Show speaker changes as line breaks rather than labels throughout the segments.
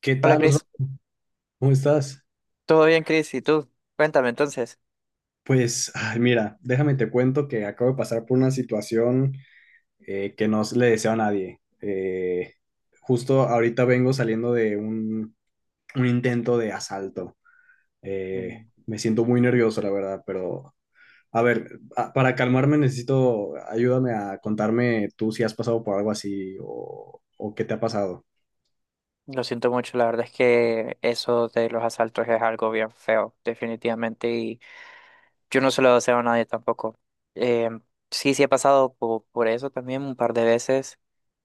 ¿Qué
Hola
tal,
Chris,
Osvaldo? ¿Cómo estás?
¿todo bien, Chris? ¿Y tú? Cuéntame entonces.
Pues, ay, mira, déjame te cuento que acabo de pasar por una situación, que no le deseo a nadie. Justo ahorita vengo saliendo de un intento de asalto. Eh,
Mm.
Me siento muy nervioso, la verdad, pero a ver, para calmarme necesito, ayúdame a contarme tú si has pasado por algo así o qué te ha pasado.
Lo siento mucho, la verdad es que eso de los asaltos es algo bien feo, definitivamente, y yo no se lo deseo a nadie tampoco. Eh, sí, sí he pasado por eso también un par de veces.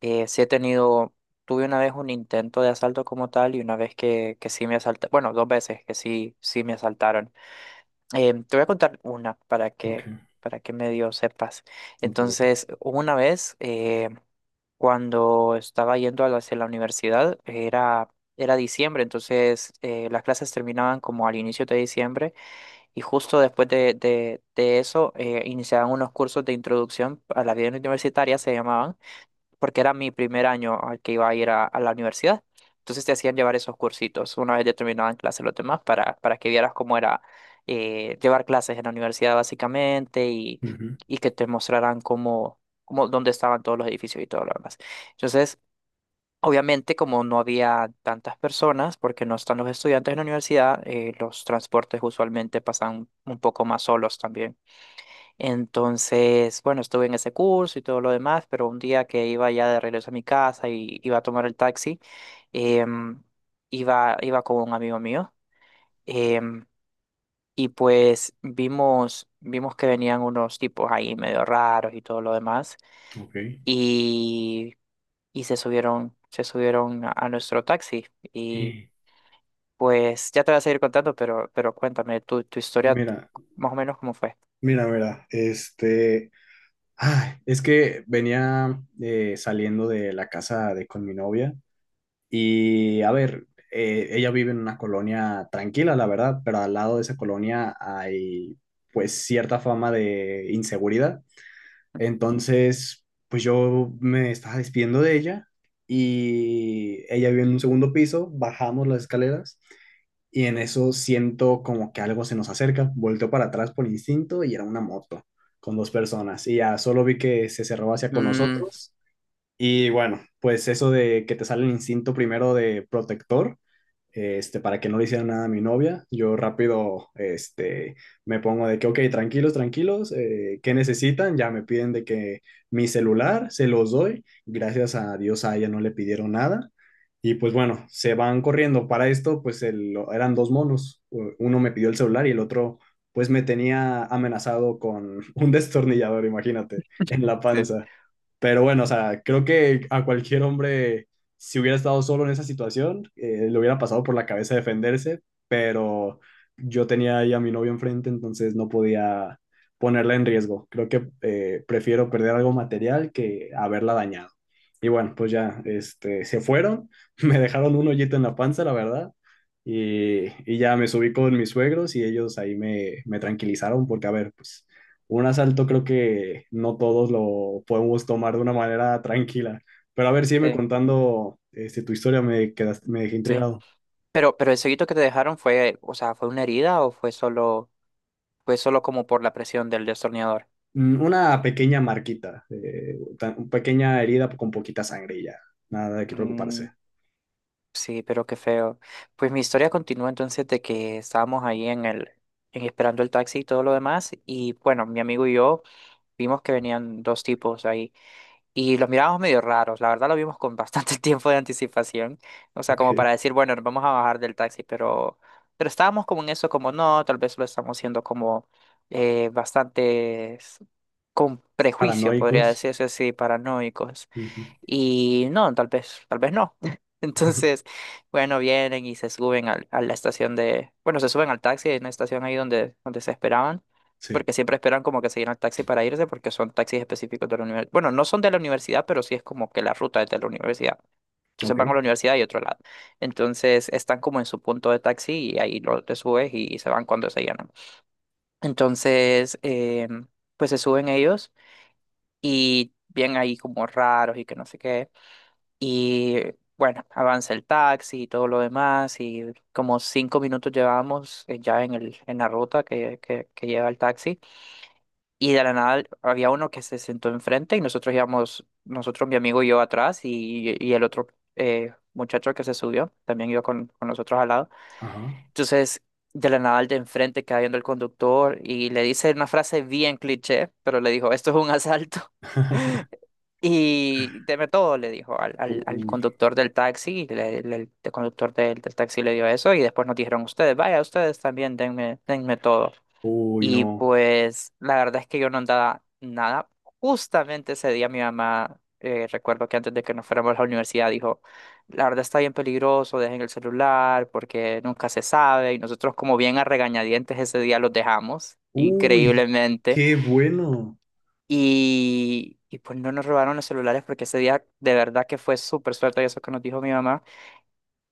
Sí he tenido, tuve una vez un intento de asalto como tal y una vez que sí me asaltaron, bueno, dos veces que sí, sí me asaltaron. Te voy a contar una
Ok,
para que medio sepas.
ok, ok.
Entonces, hubo una vez... cuando estaba yendo a hacia la universidad era, era diciembre, entonces las clases terminaban como al inicio de diciembre y justo después de eso iniciaban unos cursos de introducción a la vida universitaria, se llamaban, porque era mi primer año al que iba a ir a la universidad. Entonces te hacían llevar esos cursitos una vez ya terminaban clases los demás para que vieras cómo era llevar clases en la universidad básicamente,
Ujú,
y que te mostraran cómo, cómo, dónde estaban todos los edificios y todo lo demás. Entonces, obviamente, como no había tantas personas, porque no están los estudiantes en la universidad, los transportes usualmente pasan un poco más solos también. Entonces, bueno, estuve en ese curso y todo lo demás, pero un día que iba ya de regreso a mi casa y iba a tomar el taxi, em, iba con un amigo mío. em, y pues vimos que venían unos tipos ahí medio raros y todo lo demás.
ok.
Y, y se subieron a nuestro taxi. Y pues ya te voy a seguir contando, pero cuéntame tu historia,
Mira,
más o menos cómo fue.
mira, mira, Ay, es que venía saliendo de la casa de con mi novia y a ver, ella vive en una colonia tranquila, la verdad, pero al lado de esa colonia hay pues cierta fama de inseguridad. Entonces, pues yo me estaba despidiendo de ella y ella vive en un segundo piso, bajamos las escaleras y en eso siento como que algo se nos acerca. Volteo para atrás por instinto y era una moto con dos personas. Y ya solo vi que se cerró hacia con
Mm.
nosotros. Y bueno, pues eso de que te sale el instinto primero de protector para que no le hicieran nada a mi novia. Yo rápido me pongo de que, ok, tranquilos, tranquilos, ¿qué necesitan? Ya me piden de que mi celular se los doy. Gracias a Dios a ella no le pidieron nada. Y pues bueno, se van corriendo. Para esto, pues el, eran dos monos. Uno me pidió el celular y el otro, pues me tenía amenazado con un destornillador, imagínate, en la
Sí.
panza. Pero bueno, o sea, creo que a cualquier hombre, si hubiera estado solo en esa situación, le hubiera pasado por la cabeza defenderse, pero yo tenía ahí a mi novio enfrente, entonces no podía ponerla en riesgo. Creo que prefiero perder algo material que haberla dañado. Y bueno, pues ya, se fueron, me dejaron un hoyito en la panza, la verdad, y ya me subí con mis suegros y ellos ahí me tranquilizaron porque, a ver, pues un asalto creo que no todos lo podemos tomar de una manera tranquila. Pero a ver, sígueme
Sí,
contando este, tu historia, me quedaste, me dejé
sí.
intrigado.
Pero el seguito que te dejaron fue, o sea, ¿fue una herida o fue solo como por la presión del destornillador?
Mm, una pequeña marquita, una pequeña herida con poquita sangre y ya. Nada de qué
Mm,
preocuparse.
sí, pero qué feo. Pues mi historia continúa entonces de que estábamos ahí en en esperando el taxi y todo lo demás. Y bueno, mi amigo y yo vimos que venían dos tipos ahí. Y los mirábamos medio raros, la verdad lo vimos con bastante tiempo de anticipación, o sea,
Ok.
como para decir, bueno, nos vamos a bajar del taxi, pero estábamos como en eso, como no, tal vez lo estamos haciendo como bastante con prejuicio, podría
Paranoicos.
decirse así, paranoicos.
Ujú.
Y no, tal vez no. Entonces, bueno, vienen y se suben la estación de, bueno, se suben al taxi en la estación ahí donde, donde se esperaban,
Sí.
porque siempre esperan como que se llena el taxi para irse, porque son taxis específicos de la universidad. Bueno, no son de la universidad, pero sí es como que la ruta es de la universidad. Entonces
Ok.
van a la universidad y otro lado. Entonces están como en su punto de taxi y ahí te subes y se van cuando se llenan. Entonces, pues se suben ellos y bien ahí como raros y que no sé qué. Y bueno, avanza el taxi y todo lo demás. Y como 5 minutos llevábamos ya en en la ruta que lleva el taxi. Y de la nada había uno que se sentó enfrente y nosotros íbamos, nosotros, mi amigo y yo atrás y el otro muchacho que se subió también iba con nosotros al lado.
Ajá.
Entonces, de la nada el de enfrente queda viendo el conductor y le dice una frase bien cliché, pero le dijo, esto es un asalto. Y deme todo, le dijo al
Uy.
conductor del taxi, el conductor del taxi le dio eso y después nos dijeron ustedes, vaya, ustedes también denme, denme todo.
Uy,
Y
no.
pues la verdad es que yo no andaba nada. Justamente ese día mi mamá, recuerdo que antes de que nos fuéramos a la universidad, dijo, la verdad está bien peligroso, dejen el celular porque nunca se sabe. Y nosotros como bien a regañadientes ese día los dejamos,
Uy,
increíblemente.
qué bueno.
Y pues no nos robaron los celulares porque ese día de verdad que fue súper suerte y eso que nos dijo mi mamá.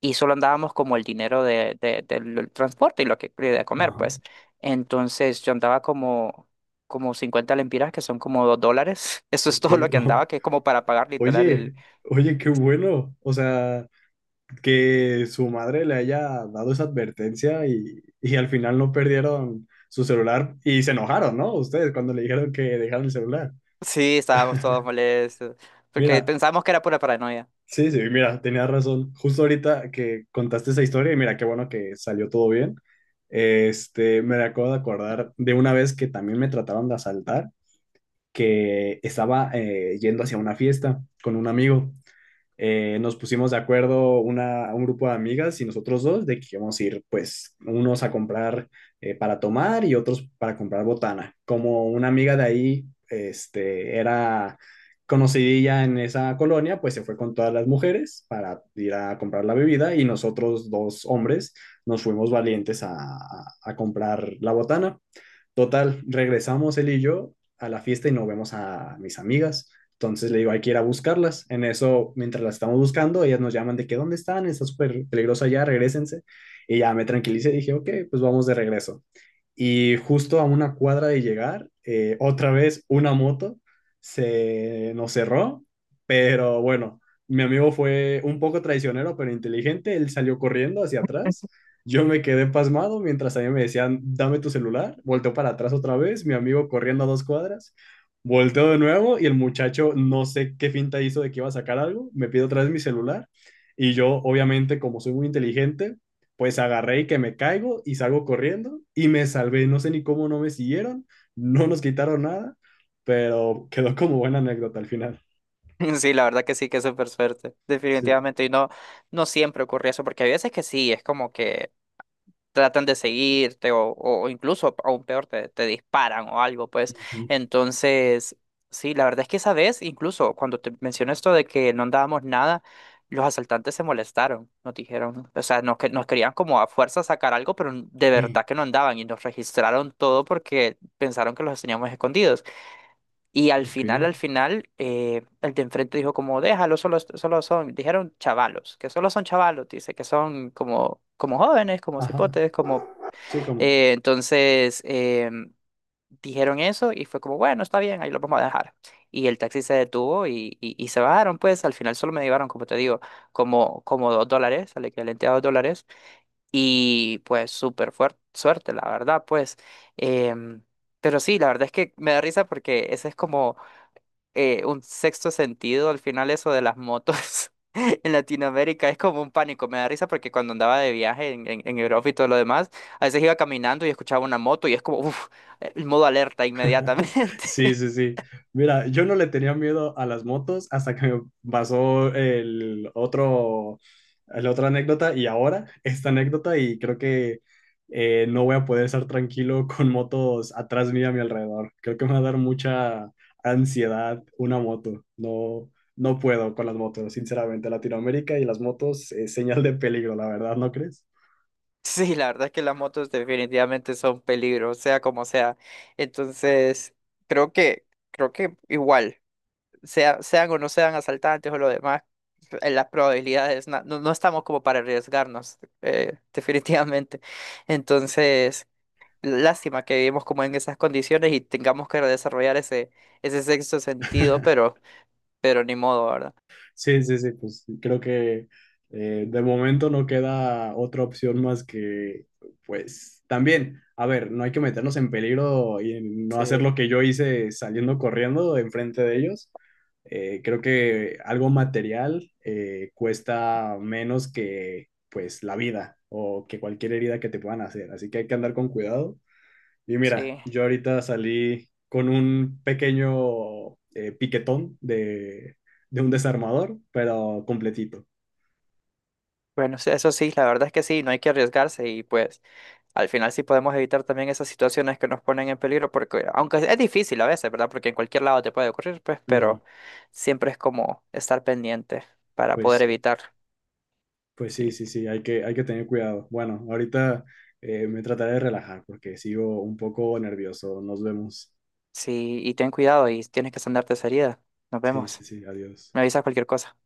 Y solo andábamos como el dinero del transporte y lo que de comer,
Ajá.
pues. Entonces yo andaba como, como 50 lempiras, que son como $2. Eso es
Ok.
todo lo que andaba, que es como para pagar literal
Oye,
el...
oye, qué bueno. O sea, que su madre le haya dado esa advertencia y al final no perdieron su celular y se enojaron, ¿no? Ustedes cuando le dijeron que dejaron el celular.
Sí, estábamos todos molestos porque
Mira,
pensábamos que era pura paranoia.
sí, sí, mira, tenía razón. Justo ahorita que contaste esa historia y mira, qué bueno que salió todo bien. Este, me acabo de acordar de una vez que también me trataron de asaltar, que estaba yendo hacia una fiesta con un amigo, nos pusimos de acuerdo un grupo de amigas y nosotros dos de que íbamos a ir, pues, unos a comprar para tomar y otros para comprar botana. Como una amiga de ahí, este, era conocidilla en esa colonia, pues se fue con todas las mujeres para ir a comprar la bebida y nosotros dos hombres nos fuimos valientes a comprar la botana. Total, regresamos él y yo a la fiesta y nos vemos a mis amigas. Entonces le digo, hay que ir a buscarlas. En eso, mientras las estamos buscando, ellas nos llaman de que dónde están, está súper peligrosa ya, regresense. Y ya me tranquilicé y dije, ok, pues vamos de regreso. Y justo a una cuadra de llegar, otra vez una moto se nos cerró, pero bueno, mi amigo fue un poco traicionero, pero inteligente, él salió corriendo hacia atrás, yo me quedé pasmado mientras a mí me decían, dame tu celular, volteó para atrás otra vez, mi amigo corriendo a dos cuadras, volteó de nuevo y el muchacho no sé qué finta hizo de que iba a sacar algo, me pide otra vez mi celular. Y yo, obviamente, como soy muy inteligente, pues agarré y que me caigo y salgo corriendo y me salvé. No sé ni cómo no me siguieron, no nos quitaron nada, pero quedó como buena anécdota al final.
Sí, la verdad que sí, que es súper suerte,
Sí.
definitivamente. Y no, no siempre ocurre eso, porque hay veces que sí, es como que tratan de seguirte o incluso aún peor te disparan o algo, pues. Entonces, sí, la verdad es que esa vez, incluso cuando te mencioné esto de que no andábamos nada, los asaltantes se molestaron, nos dijeron, o sea, nos querían como a fuerza sacar algo, pero de
Ujú.
verdad que no andaban y nos registraron todo porque pensaron que los teníamos escondidos. Y
Ok.
al final, el de enfrente dijo como, déjalo, solo, solo son, dijeron chavalos, que solo son chavalos, dice que son como, como jóvenes, como
Ajá.
cipotes, como
Sí, como,
eh, entonces em, dijeron eso y fue como, bueno, está bien, ahí lo vamos a dejar. Y el taxi se detuvo y se bajaron, pues al final solo me llevaron, como te digo, como, como $2, al equivalente a $2. Y pues súper fuerte, suerte, la verdad, pues. Em, pero sí, la verdad es que me da risa porque ese es como un sexto sentido, al final eso de las motos en Latinoamérica es como un pánico, me da risa porque cuando andaba de viaje en Europa y todo lo demás, a veces iba caminando y escuchaba una moto y es como, uff, el modo alerta inmediatamente.
sí, sí, sí. Mira, yo no le tenía miedo a las motos hasta que me pasó el otro, la otra anécdota y ahora esta anécdota y creo que no voy a poder estar tranquilo con motos atrás mía a mi alrededor. Creo que me va a dar mucha ansiedad una moto. No, no puedo con las motos, sinceramente. Latinoamérica y las motos es señal de peligro, la verdad, ¿no crees?
Sí, la verdad es que las motos definitivamente son peligro, sea como sea. Entonces, creo que, creo que igual, sea- sean o no sean asaltantes o lo demás, las probabilidades, no, no estamos como para arriesgarnos, definitivamente. Entonces, lástima que vivimos como en esas condiciones y tengamos que desarrollar ese sexto sentido, pero ni modo, ¿verdad?
Sí, sí, sí, pues creo que de momento no queda otra opción más que, pues también, a ver, no hay que meternos en peligro y en no hacer
Sí,
lo que yo hice saliendo corriendo enfrente de ellos. Creo que algo material cuesta menos que, pues, la vida o que cualquier herida que te puedan hacer, así que hay que andar con cuidado y mira,
sí.
yo ahorita salí con un pequeño piquetón de un desarmador, pero completito.
Bueno, sí, eso sí, la verdad es que sí, no hay que arriesgarse y pues al final sí podemos evitar también esas situaciones que nos ponen en peligro, porque aunque es difícil a veces, ¿verdad? Porque en cualquier lado te puede ocurrir, pues,
Ujú.
pero siempre es como estar pendiente para
Pues
poder
sí,
evitar.
pues sí,
Sí,
sí, sí, hay que tener cuidado. Bueno, ahorita me trataré de relajar porque sigo un poco nervioso. Nos vemos.
sí, y ten cuidado y tienes que sanarte esa herida. Nos
Sí,
vemos.
sí, sí, adiós.
Me avisas cualquier cosa.